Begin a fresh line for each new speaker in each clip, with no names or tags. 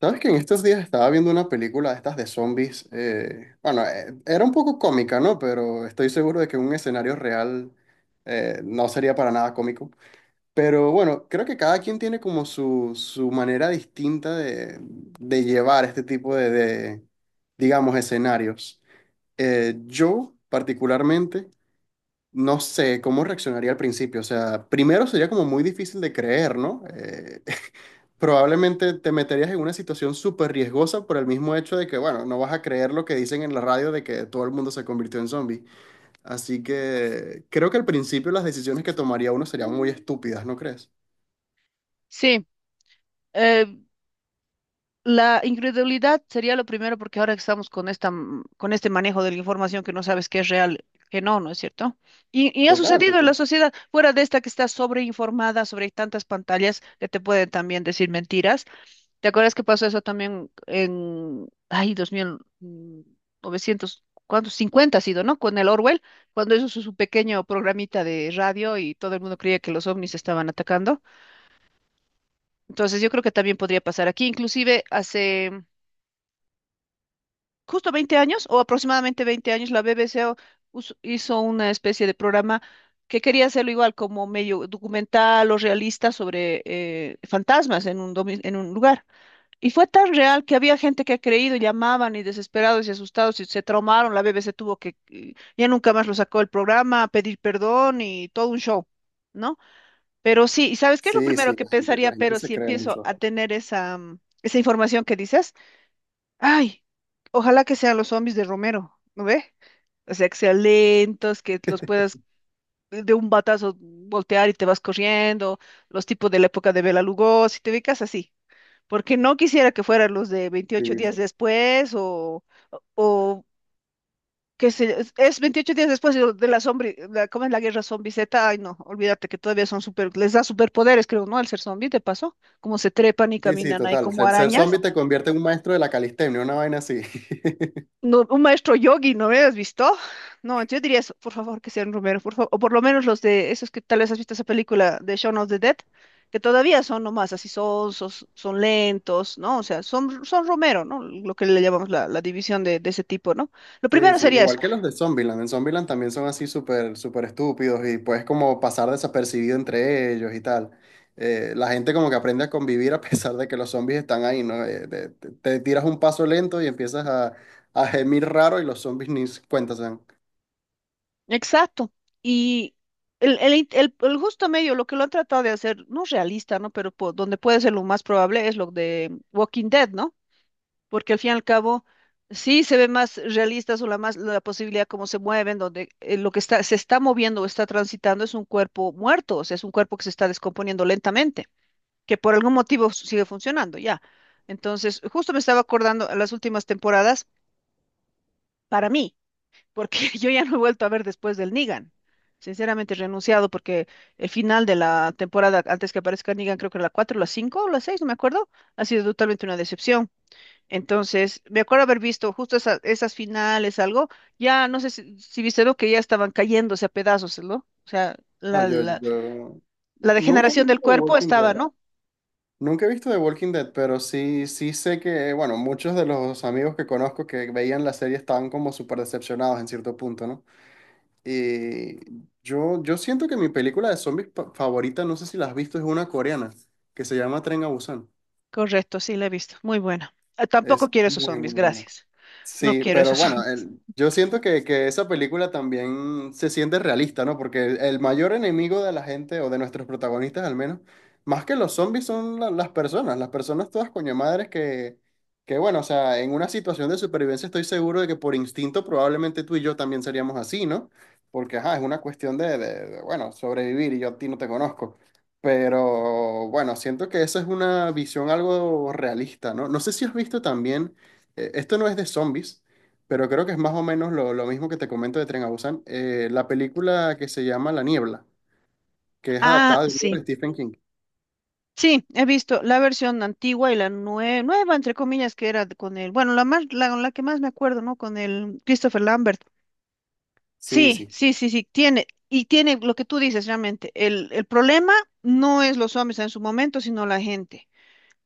¿Sabes que en estos días estaba viendo una película de estas de zombies? Bueno, era un poco cómica, ¿no? Pero estoy seguro de que un escenario real no sería para nada cómico. Pero bueno, creo que cada quien tiene como su manera distinta de llevar este tipo de, digamos, escenarios. Yo, particularmente, no sé cómo reaccionaría al principio. O sea, primero sería como muy difícil de creer, ¿no? Probablemente te meterías en una situación súper riesgosa por el mismo hecho de que, bueno, no vas a creer lo que dicen en la radio de que todo el mundo se convirtió en zombie. Así que creo que al principio las decisiones que tomaría uno serían muy estúpidas, ¿no crees?
Sí, eh, la incredulidad sería lo primero porque ahora estamos con con este manejo de la información que no sabes qué es real, que no, ¿no es cierto? Y ha
Total,
sucedido en la
total.
sociedad, fuera de esta que está sobreinformada sobre tantas pantallas que te pueden también decir mentiras. ¿Te acuerdas que pasó eso también en, ay, dos mil novecientos ¿cuántos? Cincuenta, ha sido, ¿no? Con el Orwell, cuando hizo su pequeño programita de radio y todo el mundo creía que los ovnis estaban atacando. Entonces yo creo que también podría pasar aquí. Inclusive hace justo 20 años o aproximadamente 20 años la BBC hizo una especie de programa que quería hacerlo igual como medio documental o realista sobre fantasmas en en un lugar. Y fue tan real que había gente que ha creído, llamaban y desesperados y asustados y se traumaron. La BBC tuvo que, ya nunca más lo sacó el programa, pedir perdón y todo un show, ¿no? Pero sí, ¿y sabes qué es lo
Sí,
primero
sí,
que pensaría?
la gente
Pero
se
si
cree
empiezo a
mucho.
tener esa información que dices, ay, ojalá que sean los zombies de Romero, ¿no ve? O sea, que sean lentos, que los puedas de un batazo voltear y te vas corriendo, los tipos de la época de Bela Lugosi, te ubicas así. Porque no quisiera que fueran los de 28
Sí,
días
sí,
después o que se, es 28 días después de la zombie, la, ¿cómo es la guerra zombie Z? Ay, no, olvídate que todavía son super, les da superpoderes, creo, ¿no? Al ser zombie, ¿te pasó? Como se trepan y
sí, sí,
caminan ahí
total.
como
Ser
arañas.
zombie te convierte en un maestro de la calistenia, una vaina así.
No, un maestro yogi, ¿no me has visto? No, yo diría eso, por favor, que sean Romero, por favor, o por lo menos los de esos que tal vez has visto esa película de Shaun of the Dead, que todavía son nomás así sonsos, son lentos, ¿no? O sea, son Romero, ¿no? Lo que le llamamos la división de ese tipo, ¿no? Lo
Sí,
primero
sí,
sería eso.
igual que los de Zombieland. En Zombieland también son así súper, súper estúpidos y puedes como pasar desapercibido entre ellos y tal. La gente como que aprende a convivir a pesar de que los zombies están ahí, ¿no? Te tiras un paso lento y empiezas a gemir raro y los zombies ni se cuenta se dan.
Exacto. Y el justo medio, lo que lo han tratado de hacer, no realista, ¿no? Pero donde puede ser lo más probable es lo de Walking Dead, ¿no? Porque al fin y al cabo, sí se ve más realista o la más la posibilidad cómo se mueven, donde lo que está, se está moviendo o está transitando es un cuerpo muerto, o sea, es un cuerpo que se está descomponiendo lentamente, que por algún motivo sigue funcionando, ya. Entonces, justo me estaba acordando en las últimas temporadas, para mí porque yo ya no he vuelto a ver después del Negan. Sinceramente he renunciado porque el final de la temporada, antes que aparezca Negan, creo que era la 4, la 5 o la 6, no me acuerdo, ha sido totalmente una decepción. Entonces, me acuerdo haber visto justo esas finales, algo, ya no sé si viste, ¿no? Que ya estaban cayéndose a pedazos, ¿no? O sea,
No,
la,
yo,
la,
yo
la
nunca he
degeneración del
visto The
cuerpo
Walking
estaba,
Dead.
¿no?
Nunca he visto The Walking Dead, pero sí, sí sé que, bueno, muchos de los amigos que conozco que veían la serie estaban como súper decepcionados en cierto punto, ¿no? Eh, yo siento que mi película de favorita, no sé si la has visto, es una coreana que se llama Tren a Busan.
Correcto, sí, la he visto. Muy buena. Ah, tampoco
Es
quiero esos
muy,
zombies,
muy buena.
gracias. No
Sí,
quiero
pero
esos
bueno,
zombies.
yo siento que esa película también se siente realista, ¿no? Porque el mayor enemigo de la gente, o de nuestros protagonistas al menos, más que los zombies son las personas todas coño madres que, bueno, o sea, en una situación de supervivencia estoy seguro de que por instinto probablemente tú y yo también seríamos así, ¿no? Porque, ajá, es una cuestión de, bueno, sobrevivir y yo a ti no te conozco. Pero, bueno, siento que esa es una visión algo realista, ¿no? No sé si has visto también esto no es de zombies, pero creo que es más o menos lo mismo que te comento de Tren a Busan. La película que se llama La Niebla, que es
Ah,
adaptada del libro de
sí.
Stephen King.
Sí, he visto la versión antigua y la nueva, entre comillas, que era con el, bueno, la que más me acuerdo, ¿no? Con el Christopher Lambert.
Sí,
Sí,
sí.
sí, sí, sí, tiene, y tiene lo que tú dices realmente. El problema no es los zombies en su momento, sino la gente.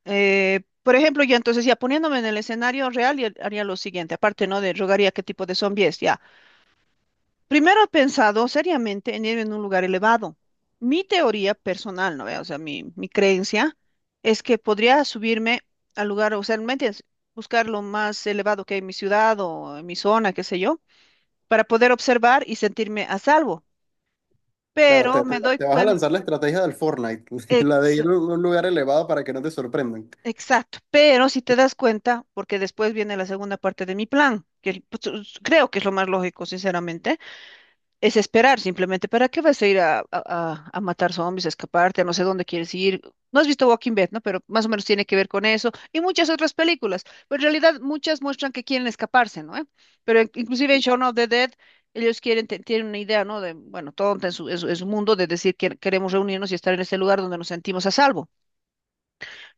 Por ejemplo, yo entonces ya poniéndome en el escenario real, ya haría lo siguiente, aparte, ¿no? De rogaría qué tipo de zombie es, ya. Primero he pensado seriamente en ir en un lugar elevado. Mi teoría personal, ¿no ve? O sea, mi creencia es que podría subirme al lugar, o sea, ¿me entiendes? Buscar lo más elevado que hay en mi ciudad o en mi zona, qué sé yo, para poder observar y sentirme a salvo.
Claro,
Pero me doy
te vas a
cuenta,
lanzar la estrategia del Fortnite, la de ir a un lugar elevado para que no te sorprendan.
exacto, pero si te das cuenta, porque después viene la segunda parte de mi plan, que pues, creo que es lo más lógico, sinceramente. Es esperar simplemente. ¿Para qué vas a ir a, a matar zombies, a escaparte, a no sé dónde quieres ir? No has visto Walking Dead, ¿no? Pero más o menos tiene que ver con eso y muchas otras películas. Pero en realidad muchas muestran que quieren escaparse, ¿no? ¿Eh? Pero inclusive en Shaun of the Dead ellos quieren, tienen una idea, ¿no? De, bueno, tonta en su, en su mundo de decir que queremos reunirnos y estar en este lugar donde nos sentimos a salvo.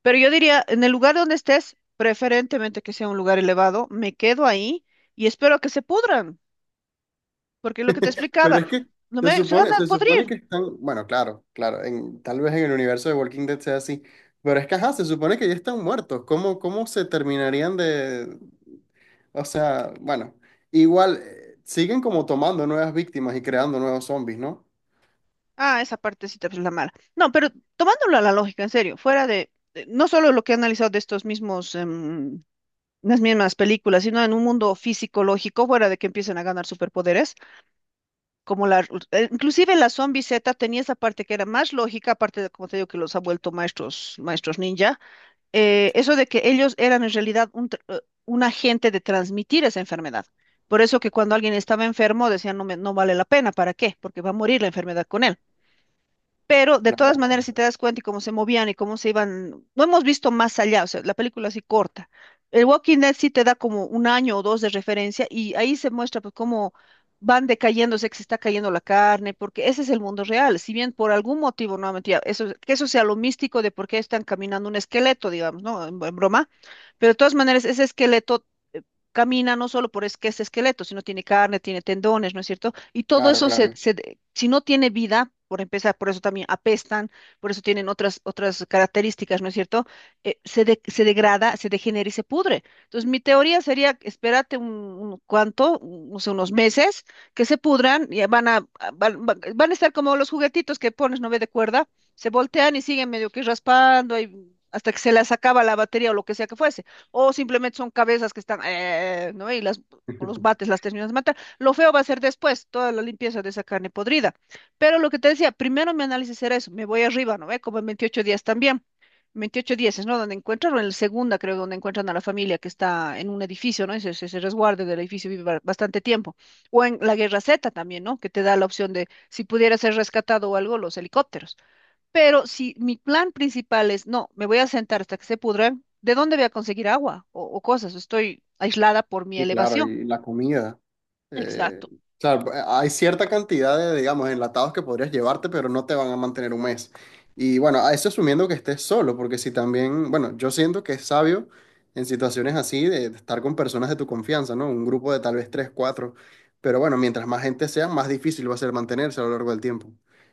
Pero yo diría, en el lugar donde estés, preferentemente que sea un lugar elevado, me quedo ahí y espero que se pudran, porque lo que te
Pero
explicaba,
es que
no me, se van a
se supone
podrir.
que están, bueno, claro, claro, tal vez en el universo de Walking Dead sea así, pero es que, ajá, se supone que ya están muertos. ¿Cómo, cómo se terminarían de, o sea, bueno, igual siguen como tomando nuevas víctimas y creando nuevos zombies, ¿no?
Ah, esa partecita pues es la mala. No, pero tomándolo a la lógica, en serio, fuera de, no solo lo que he analizado de estos mismos, las mismas películas, sino en un mundo físico lógico, fuera de que empiecen a ganar superpoderes, como la, inclusive la Zombie Z tenía esa parte que era más lógica, aparte de, como te digo, que los ha vuelto maestros, maestros ninja, eso de que ellos eran en realidad un agente de transmitir esa enfermedad. Por eso que cuando alguien estaba enfermo decían, no, no vale la pena, ¿para qué? Porque va a morir la enfermedad con él. Pero de todas
Claro,
maneras, si te das cuenta y cómo se movían y cómo se iban, no hemos visto más allá, o sea, la película así corta. El Walking Dead sí te da como un año o dos de referencia y ahí se muestra pues cómo van decayéndose, que se está cayendo la carne, porque ese es el mundo real. Si bien por algún motivo, nuevamente, ya, eso, que eso sea lo místico de por qué están caminando un esqueleto, digamos, ¿no? En broma, pero de todas maneras, ese esqueleto eh, camina no solo por es que es esqueleto, sino tiene carne, tiene tendones, ¿no es cierto? Y todo
claro,
eso se,
claro.
si no tiene vida, por empezar, por eso también apestan, por eso tienen otras, otras características, ¿no es cierto? Se degrada, se degenera y se pudre. Entonces, mi teoría sería, espérate un cuanto, no sé, unos meses, que se pudran y van a estar como los juguetitos que pones, no ve de cuerda, se voltean y siguen medio que raspando y hasta que se les acaba la batería o lo que sea que fuese. O simplemente son cabezas que están, ¿no? Y las, con los bates las terminas de matar. Lo feo va a ser después, toda la limpieza de esa carne podrida. Pero lo que te decía, primero mi análisis era eso, me voy arriba, ¿no ve? Como en 28 días también. 28 días es, ¿no? Donde encuentran, o en la segunda creo, donde encuentran a la familia que está en un edificio, ¿no? Ese resguardo del edificio vive bastante tiempo. O en la Guerra Z también, ¿no? Que te da la opción de si pudiera ser rescatado o algo, los helicópteros. Pero si mi plan principal es, no, me voy a sentar hasta que se pudra, ¿de dónde voy a conseguir agua o cosas? Estoy aislada por mi
Sí, claro,
elevación.
y la comida. Eh,
Exacto.
claro, pues, hay cierta cantidad de, digamos, enlatados que podrías llevarte, pero no te van a mantener un mes. Y bueno, a eso asumiendo que estés solo, porque si también, bueno, yo siento que es sabio en situaciones así de estar con personas de tu confianza, ¿no? Un grupo de tal vez tres, cuatro. Pero bueno, mientras más gente sea, más difícil va a ser mantenerse a lo largo del tiempo.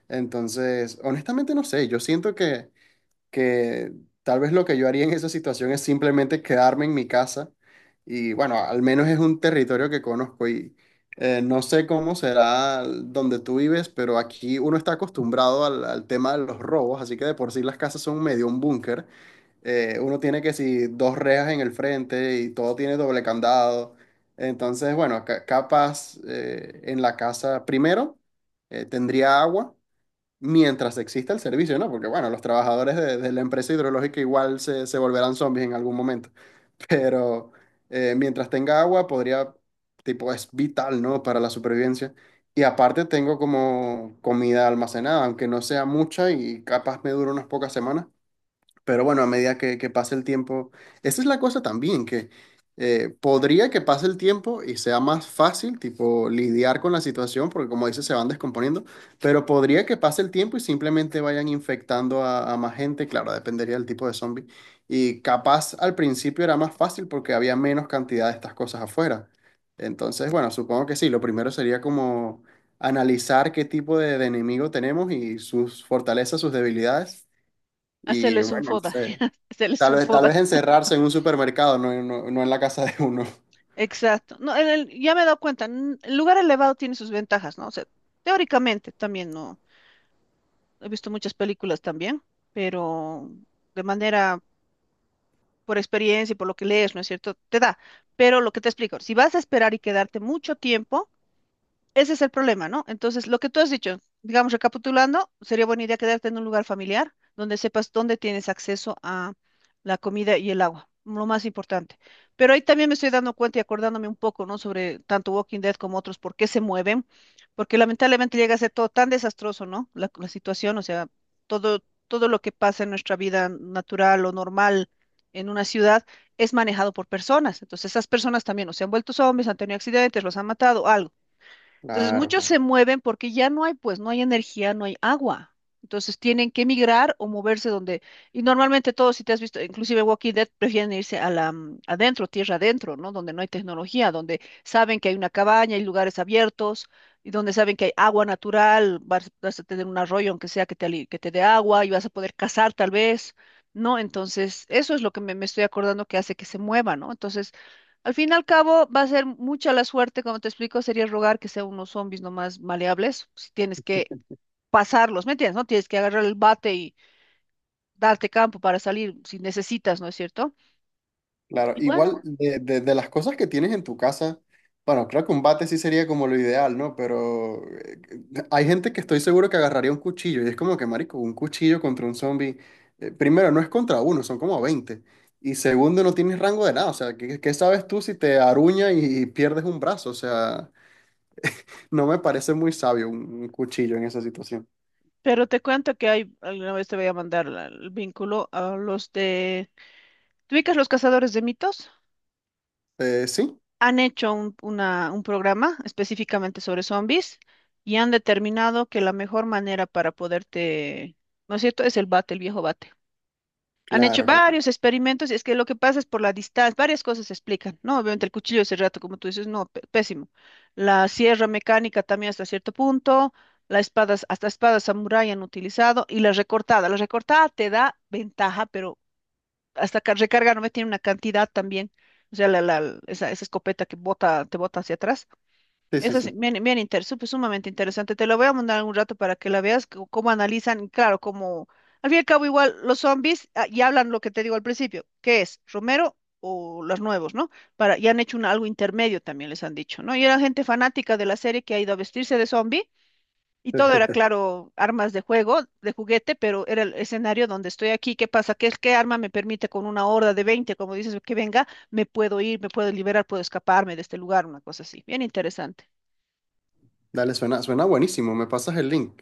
Entonces, honestamente no sé, yo siento que tal vez lo que yo haría en esa situación es simplemente quedarme en mi casa y bueno, al menos es un territorio que conozco y no sé cómo será donde tú vives, pero aquí uno está acostumbrado al, al tema de los robos, así que de por sí las casas son medio un búnker. Uno tiene que si dos rejas en el frente y todo tiene doble candado. Entonces, bueno, capaz en la casa primero tendría agua mientras exista el servicio, ¿no? Porque bueno, los trabajadores de la empresa hidrológica igual se, se volverán zombies en algún momento, pero mientras tenga agua podría, tipo, es vital, ¿no? Para la supervivencia. Y aparte tengo como comida almacenada, aunque no sea mucha y capaz me dure unas pocas semanas, pero bueno, a medida que pase el tiempo, esa es la cosa también, que podría que pase el tiempo y sea más fácil, tipo, lidiar con la situación, porque como dices, se van descomponiendo, pero podría que pase el tiempo y simplemente vayan infectando a más gente, claro, dependería del tipo de zombie. Y capaz al principio era más fácil porque había menos cantidad de estas cosas afuera. Entonces, bueno, supongo que sí, lo primero sería como analizar qué tipo de enemigo tenemos y sus fortalezas, sus debilidades. Y
Hacerles un
bueno, no
foda,
sé.
hacerles un
Tal
foda,
vez encerrarse en un supermercado, no, no, no en la casa de uno.
exacto. No, en ya me he dado cuenta, el lugar elevado tiene sus ventajas, ¿no? O sea, teóricamente también, ¿no? He visto muchas películas también, pero de manera, por experiencia y por lo que lees, ¿no es cierto? Te da, pero lo que te explico, si vas a esperar y quedarte mucho tiempo, ese es el problema, ¿no? Entonces, lo que tú has dicho, digamos, recapitulando, sería buena idea quedarte en un lugar familiar donde sepas dónde tienes acceso a la comida y el agua, lo más importante. Pero ahí también me estoy dando cuenta y acordándome un poco, ¿no? Sobre tanto Walking Dead como otros, por qué se mueven, porque lamentablemente llega a ser todo tan desastroso, ¿no? La situación, o sea, todo lo que pasa en nuestra vida natural o normal en una ciudad es manejado por personas. Entonces, esas personas también o se han vuelto zombies, han tenido accidentes, los han matado, algo. Entonces,
Claro,
muchos
claro.
se mueven porque ya no hay, pues, no hay energía, no hay agua. Entonces, tienen que migrar o moverse donde, y normalmente todos, si te has visto, inclusive Walking Dead, prefieren irse a adentro, tierra adentro, ¿no? Donde no hay tecnología, donde saben que hay una cabaña, hay lugares abiertos, y donde saben que hay agua natural, vas a tener un arroyo, aunque sea que te dé agua, y vas a poder cazar tal vez, ¿no? Entonces, eso es lo que me estoy acordando que hace que se mueva, ¿no? Entonces, al fin y al cabo, va a ser mucha la suerte, como te explico, sería rogar que sean unos zombies nomás maleables, si tienes que pasarlos, ¿me entiendes? No tienes que agarrar el bate y darte campo para salir si necesitas, ¿no es cierto?
Claro, igual
Bueno,
de, de las cosas que tienes en tu casa, bueno, creo que un bate sí sería como lo ideal, ¿no? Pero hay gente que estoy seguro que agarraría un cuchillo y es como que, marico, un cuchillo contra un zombie, primero, no es contra uno, son como 20. Y segundo, no tienes rango de nada, o sea, ¿qué, qué sabes tú si te aruña y pierdes un brazo? O sea, no me parece muy sabio un cuchillo en esa situación.
pero te cuento que hay, alguna vez te voy a mandar el vínculo a los de... ¿Te ubicas los cazadores de mitos?
Sí,
Han hecho un, un programa específicamente sobre zombies y han determinado que la mejor manera para poderte, ¿no es cierto? Es el bate, el viejo bate. Han hecho
claro, claro.
varios experimentos y es que lo que pasa es por la distancia, varias cosas se explican, ¿no? Obviamente el cuchillo de cerrato, como tú dices, no, pésimo. La sierra mecánica también hasta cierto punto, las espadas, hasta espadas samurái han utilizado y la recortada. La recortada te da ventaja, pero hasta recarga no me tiene una cantidad también. O sea, esa escopeta que bota, te bota hacia atrás,
Sí, sí,
eso
sí.
es bien, sumamente interesante. Te lo voy a mandar un rato para que la veas, cómo analizan, y claro, como al fin y al cabo igual los zombies ah, y hablan lo que te digo al principio, ¿qué es? ¿Romero o los nuevos, ¿no? Para, y han hecho un, algo intermedio también, les han dicho, ¿no? Y era gente fanática de la serie que ha ido a vestirse de zombie y todo era, claro, armas de juego, de juguete, pero era el escenario donde estoy aquí, ¿qué pasa? ¿Qué arma me permite con una horda de 20, como dices, que venga, me puedo ir, me puedo liberar, puedo escaparme de este lugar, una cosa así. Bien interesante.
Dale, suena, suena buenísimo. Me pasas el link.